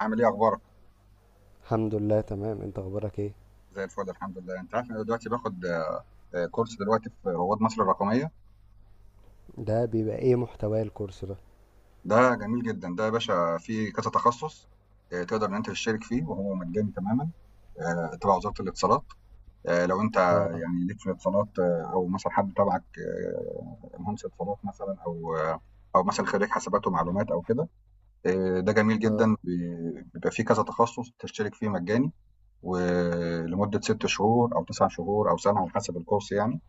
عامل ايه اخبارك؟ الحمد لله تمام. انت اخبارك ايه؟ زي الفل، الحمد لله. انت عارف إن انا دلوقتي باخد كورس دلوقتي في رواد مصر الرقميه. ده بيبقى ايه محتوى الكورس ده؟ ده جميل جدا ده يا باشا، فيه كذا تخصص. تقدر ان انت تشترك فيه وهو مجاني تماما. تبع وزاره الاتصالات. لو انت اه. يعني ليك في الاتصالات، او مثلا حد تبعك، مهندس اتصالات مثلا، او مثلا خريج حسابات ومعلومات او كده. ده جميل اه. جدا، بيبقى فيه كذا تخصص تشترك فيه مجاني ولمده 6 شهور او 9 شهور او سنه على حسب الكورس يعني.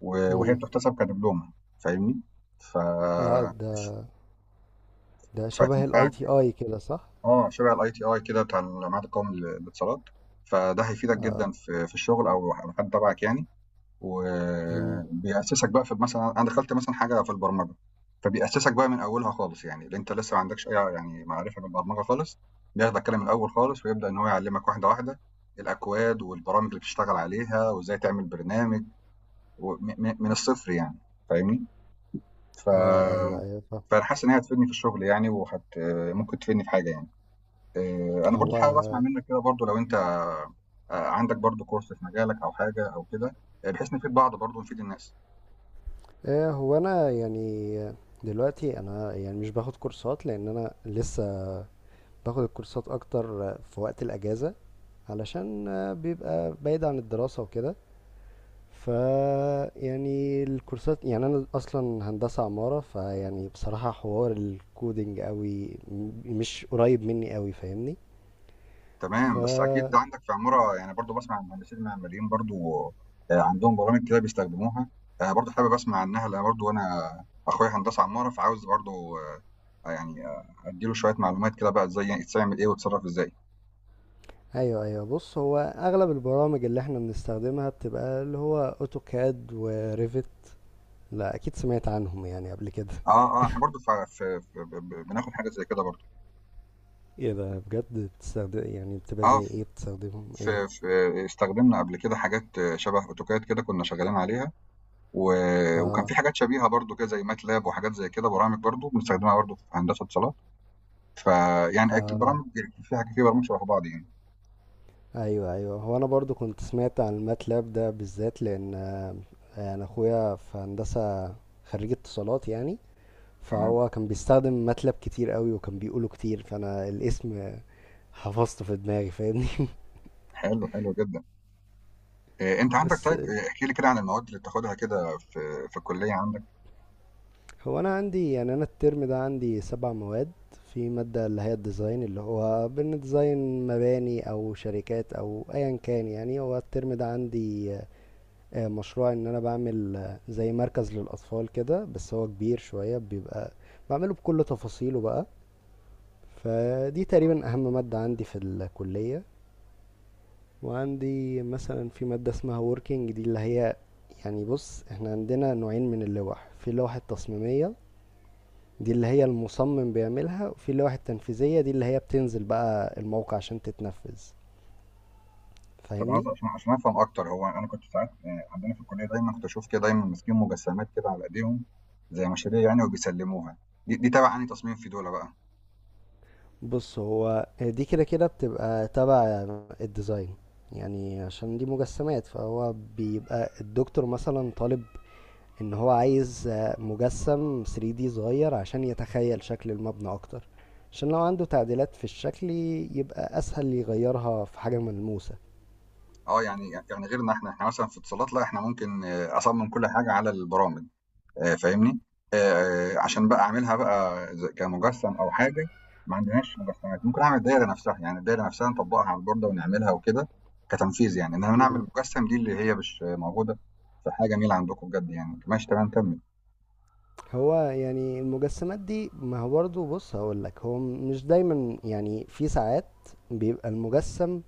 وهي امم. بتحتسب كدبلومة. فاهمني؟ ف اه، ده شبه الاي فهتنفعك. تي اي كده صح؟ شبه الITI كده بتاع المعهد القومي للاتصالات، فده هيفيدك اه. جدًا في الشغل أو على حد تبعك يعني. امم. وبيأسسك بقى في مثلًا، أنا دخلت مثلًا حاجة في البرمجة، فبيأسسك بقى من أولها خالص يعني، اللي أنت لسه ما عندكش أي يعني معرفة بالبرمجة خالص، بياخدك كده من الأول خالص ويبدأ إن هو يعلمك واحدة واحدة الأكواد والبرامج اللي بتشتغل عليها وإزاي تعمل برنامج و م م من الصفر يعني. فاهمني؟ ف اه، ايوه، ايوه، فاهم. فأنا حاسس إن هي هتفيدني في الشغل يعني، ممكن تفيدني في حاجة يعني. أنا برضه حابب أسمع هو منّك كده برضه. لو أنت عندك برضه كورس في مجالك أو حاجة أو كده، بحيث نفيد بعض برضه ونفيد الناس. ايه، هو انا يعني دلوقتي، انا يعني مش باخد كورسات لان انا لسه باخد الكورسات اكتر في وقت الاجازة، علشان بيبقى بعيد عن الدراسة وكده. ف يعني الكورسات، يعني انا اصلا هندسة عمارة، فيعني بصراحة حوار الكودينج قوي مش قريب مني قوي، فاهمني؟ ف تمام. بس أكيد ده عندك في عمارة يعني، برضه باسمع المهندسين المعماريين برضه عندهم برامج كده بيستخدموها. أنا برضه حابب أسمع عنّها، لأن برضه أنا أخويا هندسة عمارة، فعاوز برضه يعني أدّي له شوية معلومات كده بقى، إزاي يعني تتعمل إيه وتتصرّف إزاي. ايوه، ايوه. بص، هو اغلب البرامج اللي احنا بنستخدمها بتبقى اللي هو اوتوكاد وريفت. لا، اكيد سمعت عنهم يعني قبل كده. إحنا برضه ف ف ب ب بناخد حاجة زي كده برضه. ايه ده بجد؟ بتستخدم يعني بتبقى آه، زي ف ايه؟ بتستخدمهم ف ايه؟ ف استخدمنا قبل كده حاجات شبه AutoCAD كده كنا شغالين عليها. و وكان اه، في حاجات شبيهة برضه كده زي MATLAB وحاجات زي كده، برامج برضه بنستخدمها برضه في هندسة اتصالات. فيعني أكيد اه، البرامج، في حاجة في برامج شبه بعض يعني. ايوه، ايوه. هو انا برضو كنت سمعت عن الماتلاب ده بالذات لان انا اخويا في هندسه، خريج اتصالات يعني. تمام. فهو كان بيستخدم ماتلاب كتير قوي، وكان بيقوله كتير، فانا الاسم حفظته في دماغي، فاهمني؟ حلو، حلو جدًا. أنت عندك، بس طيب احكِ لي كده عن المواد اللي بتاخدها كده في الكلية عندك. هو انا عندي، يعني انا الترم ده عندي سبع مواد. في مادة اللي هي الديزاين، اللي هو بنديزاين مباني او شركات او ايا كان. يعني هو الترم ده عندي مشروع ان انا بعمل زي مركز للاطفال كده، بس هو كبير شوية. بيبقى بعمله بكل تفاصيله بقى. فدي تمام. تقريبا اهم مادة عندي في الكلية. وعندي مثلا في مادة اسمها working. دي اللي هي، يعني بص، احنا عندنا نوعين من اللوح. في لوحة تصميمية دي اللي هي المصمم بيعملها، وفي لوحة تنفيذية دي اللي هي بتنزل بقى الموقع عشان تتنفذ، طب عايز، فاهمني؟ عشان عشان أفهم أكتر، هو أنا كنت ساعات عندنا في الكلية دايمًا كنت أشوف كده، دايمًا ماسكين مجسمات كده على إيديهم زي مشاريع يعني، وبيسلموها. دي تبع أنهي تصميم في دُولة بقى؟ بص، هو دي كده كده بتبقى تبع الديزاين. يعني عشان دي مجسمات، فهو بيبقى الدكتور مثلا طالب ان هو عايز مجسم 3D صغير عشان يتخيل شكل المبنى اكتر. عشان لو عنده تعديلات في الشكل، يبقى اسهل يغيرها في حاجة ملموسة. يعني غيرنا إحنا، إحنا مثلًا في اتصالات لأ، إحنا ممكن أصمم كل حاجة على البرامج. فاهمني؟ عشان بقى أعملها بقى كمجسّم أو حاجة. ما عندناش مجسّمات. ممكن أعمل دايرة نفسها، يعني الدايرة نفسها نطبّقها على البوردة ونعملها وكده، كتنفيذ يعني، إنّما مم. نعمل مجسّم دي اللي هي مش موجودة. فحاجة جميلة عندكم بجد يعني. ماشي، تمام، كمّل. هو يعني المجسمات دي، ما هو برضه، بص هقولك، هو مش دايما. يعني في ساعات بيبقى المجسم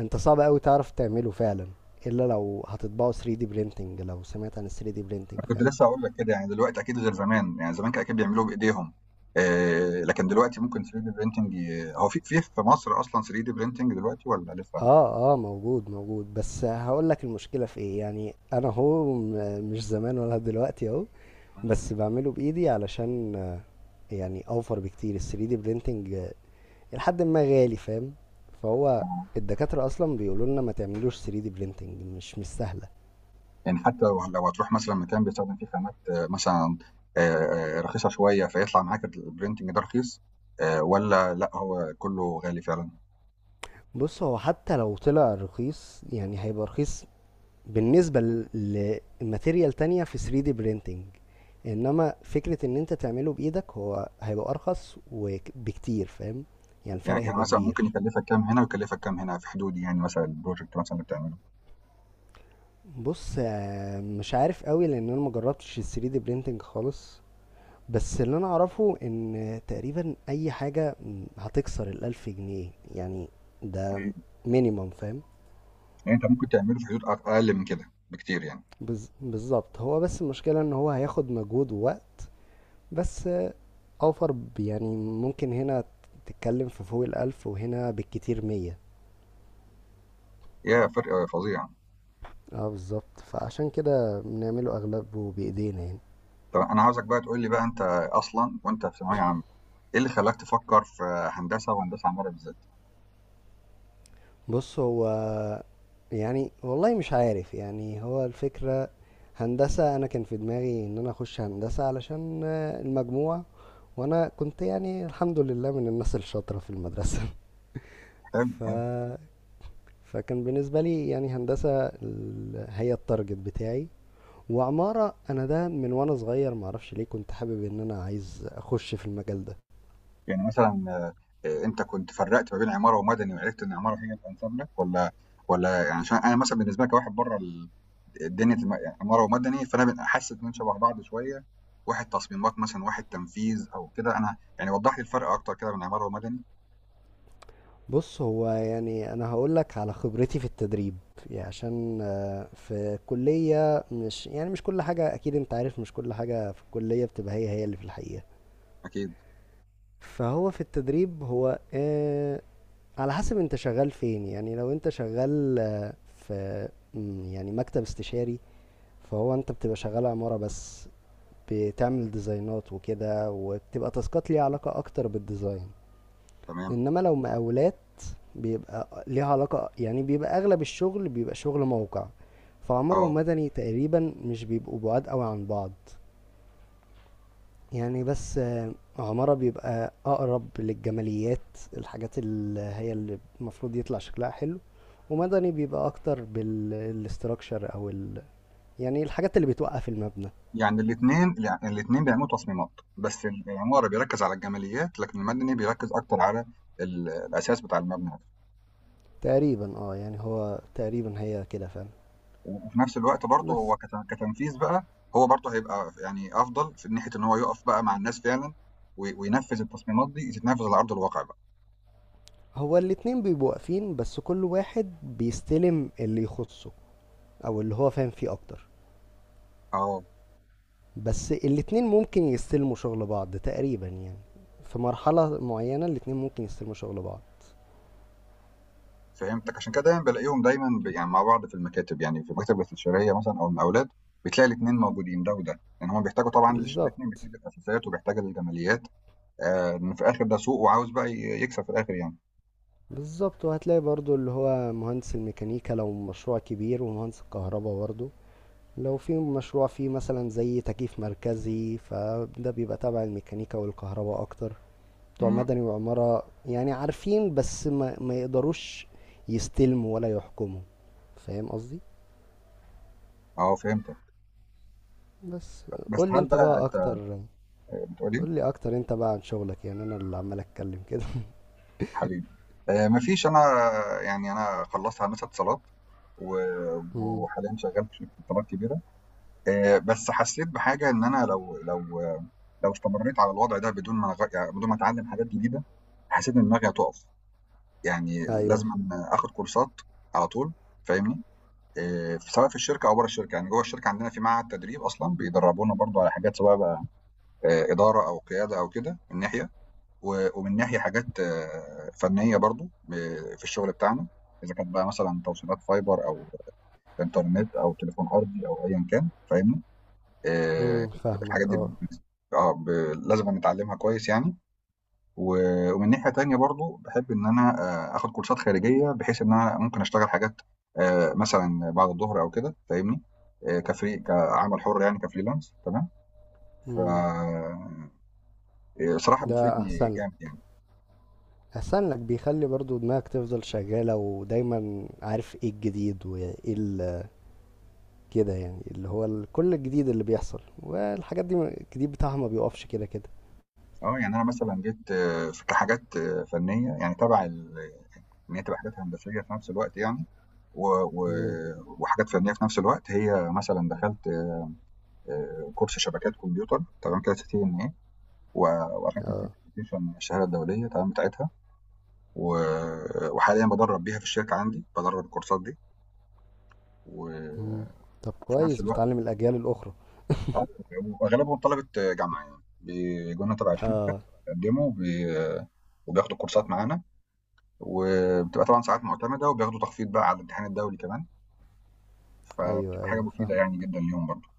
انت صعب قوي تعرف تعمله فعلا، الا لو هتطبعه 3D printing. لو سمعت عن ال 3D أنا printing كنت فاهم؟ لسّه هاقول لك كده. يعني دلوقتي أكيد غير زمان، يعني زمان كان أكيد بيعملوه بإيديهم، لكن دلوقتي ممكن 3D printing، هو في في مصر أصلًا 3D printing دلوقتي والّا لسه؟ اه، اه، موجود موجود. بس هقولك المشكلة في ايه. يعني انا هو مش زمان ولا دلوقتي اهو، بس بعمله بايدي علشان يعني اوفر بكتير ال 3D printing، لحد ما غالي، فاهم؟ فهو آه. الدكاترة اصلا بيقولوا لنا ما تعملوش 3D printing، مش سهلة. يعني حتى لو هتروح مثلًا مكان بيستخدم فيه خامات، مثلًا رخيصة شوية، فيطلع معاك الprinting ده رخيص، والّا لأ هو كُلّه غالي فعلًا؟ بص، هو حتى لو طلع رخيص يعني هيبقى رخيص بالنسبة لماتيريال تانية في 3D printing. انما فكرة ان انت تعمله بايدك، هو هيبقى ارخص بكتير، فاهم؟ يعني الفرق يعني هيبقى مثلًا ممكن كبير. يكلّفك كام هنا ويكلّفك كام هنا في حدود، يعني مثلًا الproject مثلًا اللي بتعمله؟ بص مش عارف قوي لان انا مجربتش ال 3D printing خالص. بس اللي انا اعرفه ان تقريبا اي حاجة هتكسر الالف جنيه يعني. ده إمم. مينيمم، فاهم؟ يعني أنت ممكن تعمله في حدود أقل من كده بكتير يعني. بالظبط. هو بس المشكلة ان هو هياخد مجهود ووقت، بس اوفر، يعني ممكن هنا تتكلم في فوق الألف، وهنا بالكتير مية. ياه! فرق فظيع. اه، بالظبط. فعشان كده بنعمله أغلبه بإيدينا يعني. طَب أنا عاوزك بقى تقول لي بقى، أنت أصلًا وأنت في ثانوية عامة، إيه اللي خلّاك تفكّر في هندسة، وهندسة عمارة بالذات؟ بص، هو يعني والله مش عارف. يعني هو الفكرة، هندسة، أنا كان في دماغي إن أنا أخش هندسة علشان المجموع، وأنا كنت يعني الحمد لله من الناس الشاطرة في المدرسة. حلو، ف... حلو. فكان بالنسبة لي يعني هندسة، هي التارجت بتاعي. وعمارة، انا ده من وانا صغير معرفش ليه كنت حابب ان انا عايز اخش في المجال ده. يعني مثلًا أنت كنت فرّقت ما بين عمارة ومدني وعرفت إن عمارة هي الأنسب لك، والّا والّا يعني عشان أنا مثلًا بالنسبة لي، كواحد برّه دنيا يعني عمارة ومدني، فأنا حاسس إنّهم شبه بعض شوية، واحد تصميمات مثلًا وواحد تنفيذ أو كده. أنا يعني وضّح لي الفرق أكتر كده بين عمارة ومدني. بص، هو يعني انا هقولك على خبرتي في التدريب. يعني عشان في كلية، مش يعني مش كل حاجة، اكيد انت عارف مش كل حاجة في الكلية بتبقى هي هي اللي في الحقيقة. أكيد. فهو في التدريب هو على حسب انت شغال فين. يعني لو انت شغال في يعني مكتب استشاري، فهو انت بتبقى شغال عمارة بس. بتعمل ديزاينات وكده، وبتبقى تاسكات ليها علاقة اكتر بالديزاين. تمام. انما لو مقاولات، بيبقى ليها علاقة، يعني بيبقى اغلب الشغل بيبقى شغل موقع. فعمارة آه. ومدني تقريبا مش بيبقوا بعاد قوي عن بعض. يعني بس عمارة بيبقى اقرب للجماليات، الحاجات اللي هي اللي المفروض يطلع شكلها حلو. ومدني بيبقى اكتر بالاستراكشر او يعني الحاجات اللي بتوقف المبنى. يعني الاتنين، الاتنين بيعملوا تصميمات، بس العمارة بيركّز على الجماليات، لكن المدني بيركّز أكتر على الأساس بتاع المبنى. تقريبا اه، يعني هو تقريبا هي كده فعلا. وفي نفس الوقت برضه بس هو كتنفيذ بقى، هو برضه هيبقى يعني افضل في ناحيه ان هو يقف بقى مع الناس فعلا، وينفذ التصميمات دي تتنفذ على ارض الواقع بقى. هو الاتنين بيبقوا واقفين، بس كل واحد بيستلم اللي يخصه او اللي هو فاهم فيه اكتر. اه، بس الاتنين ممكن يستلموا شغل بعض تقريبا يعني، في مرحلة معينة الاتنين ممكن يستلموا شغل بعض. فهمتك. عشان كده دايما بلاقيهم يعني مع بعض في المكاتب، يعني في المكاتب الاستشاريه مثلا او المقاولات، بتلاقي الاثنين موجودين، ده وده يعني. هم بيحتاجوا طبعا، الاثنين بالظبط. بيحتاجوا الاساسيات وبيحتاجوا الجماليات. آه، إن في الاخر ده سوق، وعاوز بقى يكسب في الاخر يعني. بالظبط. وهتلاقي برضو اللي هو مهندس الميكانيكا لو مشروع كبير، ومهندس الكهرباء برضو لو في مشروع فيه مثلا زي تكييف مركزي، فده بيبقى تبع الميكانيكا والكهرباء اكتر. بتوع مم. مدني وعمارة يعني عارفين، بس ما يقدروش يستلموا ولا يحكموا، فاهم قصدي؟ اه، فهمتك. بس بس قول لي هل انت بقى بقى انت اكتر. بتقولي... قول لي اكتر انت بقى عن شغلك، يعني انا اللي عمال اتكلم كده. حبيبي. مفيش، انا يعني انا خلصت هندسه اتصالات، امم. وحاليا شغال في شركه اتصالات كبيره. بس حسيت بحاجه، ان انا لو استمريت على الوضع ده بدون ما يعني بدون ما اتعلم حاجات جديده، حسيت ان دماغي هتقف يعني. ايوه. لازم أن اخد كورسات على طول، فاهمني؟ سواء في الشركه او بره الشركه. يعني جوه الشركه عندنا في معهد تدريب اصلا بيدربونا برضو على حاجات، سواء بقى اداره او قياده او كده من ناحيه، ومن ناحية حاجات فنية برضه في الشغل بتاعنا، إذا كانت بقى مثلًا توصيلات فايبر أو إنترنت أو تليفون أرضي أو أيًا كان، فاهمني؟ آآ امم، فاهمك. الحاجات دي، اه. آه ب لازمًا نتعلمها كويس يعني. و ومن ناحية تانية برضه باحب إن أنا آخد كورسات خارجية بحيث إن أنا ممكن أشتغل حاجات مثلًا بعد الضهر أو كده، فاهمني؟ كfree كعمل حُر يعني كfreelance. تمام. ف امم. صراحة ده بتفيدني احسن لك. جامد يعني. احسن لك، بيخلي برضو دماغك تفضل شغالة ودايما عارف ايه الجديد وايه كده. يعني اللي هو كل الجديد اللي بيحصل، والحاجات دي الجديد بتاعها ما بيقفش كده كده. اه. يعني انا مثلا جيت في كحاجات، فنيه يعني تبع ان هي تبقى حاجات هندسيه في نفس الوقت يعني و... و... امم. وحاجات فنيه في نفس الوقت، هي مثلا دخلت كورس شبكات كمبيوتر، تمام كده، سي تي ان اي. واخدت اه. السيرتيفيكيشن، الشهاده الدوليه تمام بتاعتها. و... وحاليا بدرب بيها في الشركه عندي، بدرب الكورسات دي مم. وفي طب نفس كويس، الوقت بتعلم الأجيال الأخرى. آه، واغلبهم طلبه جامعه، يعني بيجوا لنا تبع الشركه، اه، بيقدموا وبياخدوا كورسات معانا، وبتبقى طبعًا ساعات مُعتمدة، وبياخدوا تخفيض بقى على الامتحان الدولي كمان. ايوه، فبتبقى حاجة ايوه، فاهم. مفيدة يعني جدًا ليهم برضه.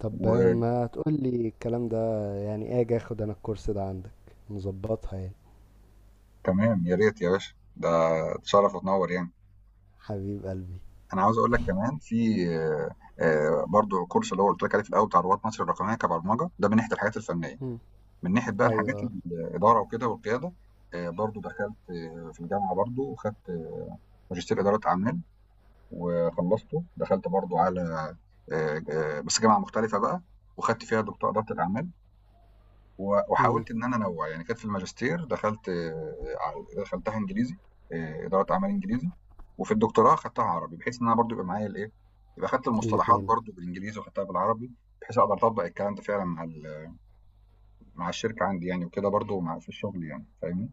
طب ما تقول لي الكلام ده. يعني اجي اخد انا الكورس ده عندك، نظبطها يعني. وتمام، يا ريت يا باشا، ده تشرّف وتنوّر يعني. حبيب قلبي. أنا عاوز أقول لك كمان في برضه كورس اللي هو قُلت لك عليه في الأول بتاع رواد مصر الرقمية، كبرمجة، ده من ناحية الحاجات الفنية. مم. من ناحية بقى الحاجات ايوه. الإدارة وكده والقيادة، برضه دخلت في الجامعة برضه وخدت ماجستير إدارة أعمال وخلّصته. دخلت برضه على ج بس جامعة مختلفة بقى وخدت فيها دكتوراه إدارة الأعمال. امم. وحاولت إن أنا أنوّع. يعني كانت في الماجستير، دخلت دخلتها إنجليزي، إدارة أعمال إنجليزي، وفي الدكتوراه خدتها عربي، بحيث إن أنا برضه يبقى معايا الإيه، يبقى خدت المصطلحات الاتنين. برضه بالإنجليزي وخدتها بالعربي، بحيث أقدر أطبّق الكلام ده فعلًا مع مع الشركة عندي يعني، وكده برضه مع في الشغل يعني، فاهمني؟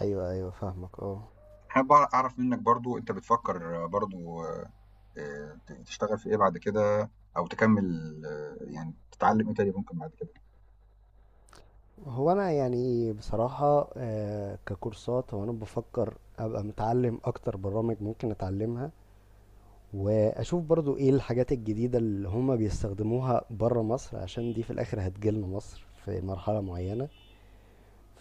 ايوه، ايوه، فاهمك. اه. حابب أعرف منّك برضه، أنت بتفكّر برضه ت تشتغل في إيه بعد كده، أو تكمّل يعني تتعلّم إيه تاني ممكن بعد كده؟ هو انا يعني بصراحة ككورسات، هو انا بفكر ابقى متعلم اكتر برامج ممكن اتعلمها، واشوف برضو ايه الحاجات الجديدة اللي هما بيستخدموها برا مصر، عشان دي في الاخر هتجيلنا مصر في مرحلة معينة.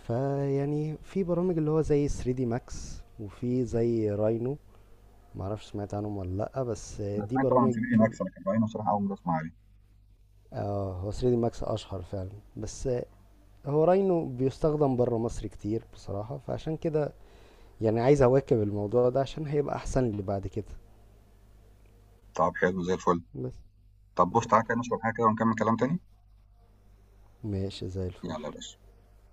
فيعني في برامج اللي هو زي 3 دي ماكس، وفي زي راينو. معرفش سمعت عنهم ولا لأ، بس أنا دي سمعت طبعًا عن برامج. صناعي مكسب، لكن بعدين بصراحة أول مرّة أسمع عليه. اه، هو 3 دي ماكس اشهر فعلا. بس هو راينو بيستخدم برا مصر كتير بصراحة، فعشان كده يعني عايز اواكب الموضوع ده عشان هيبقى احسن لي بعد كده. طَب حلو زي الفل. بس طب بُص، تعالَ كده نشرب حاجة كده ونكمّل كلام تاني. ماشي زي الفل يالّا يا باشا.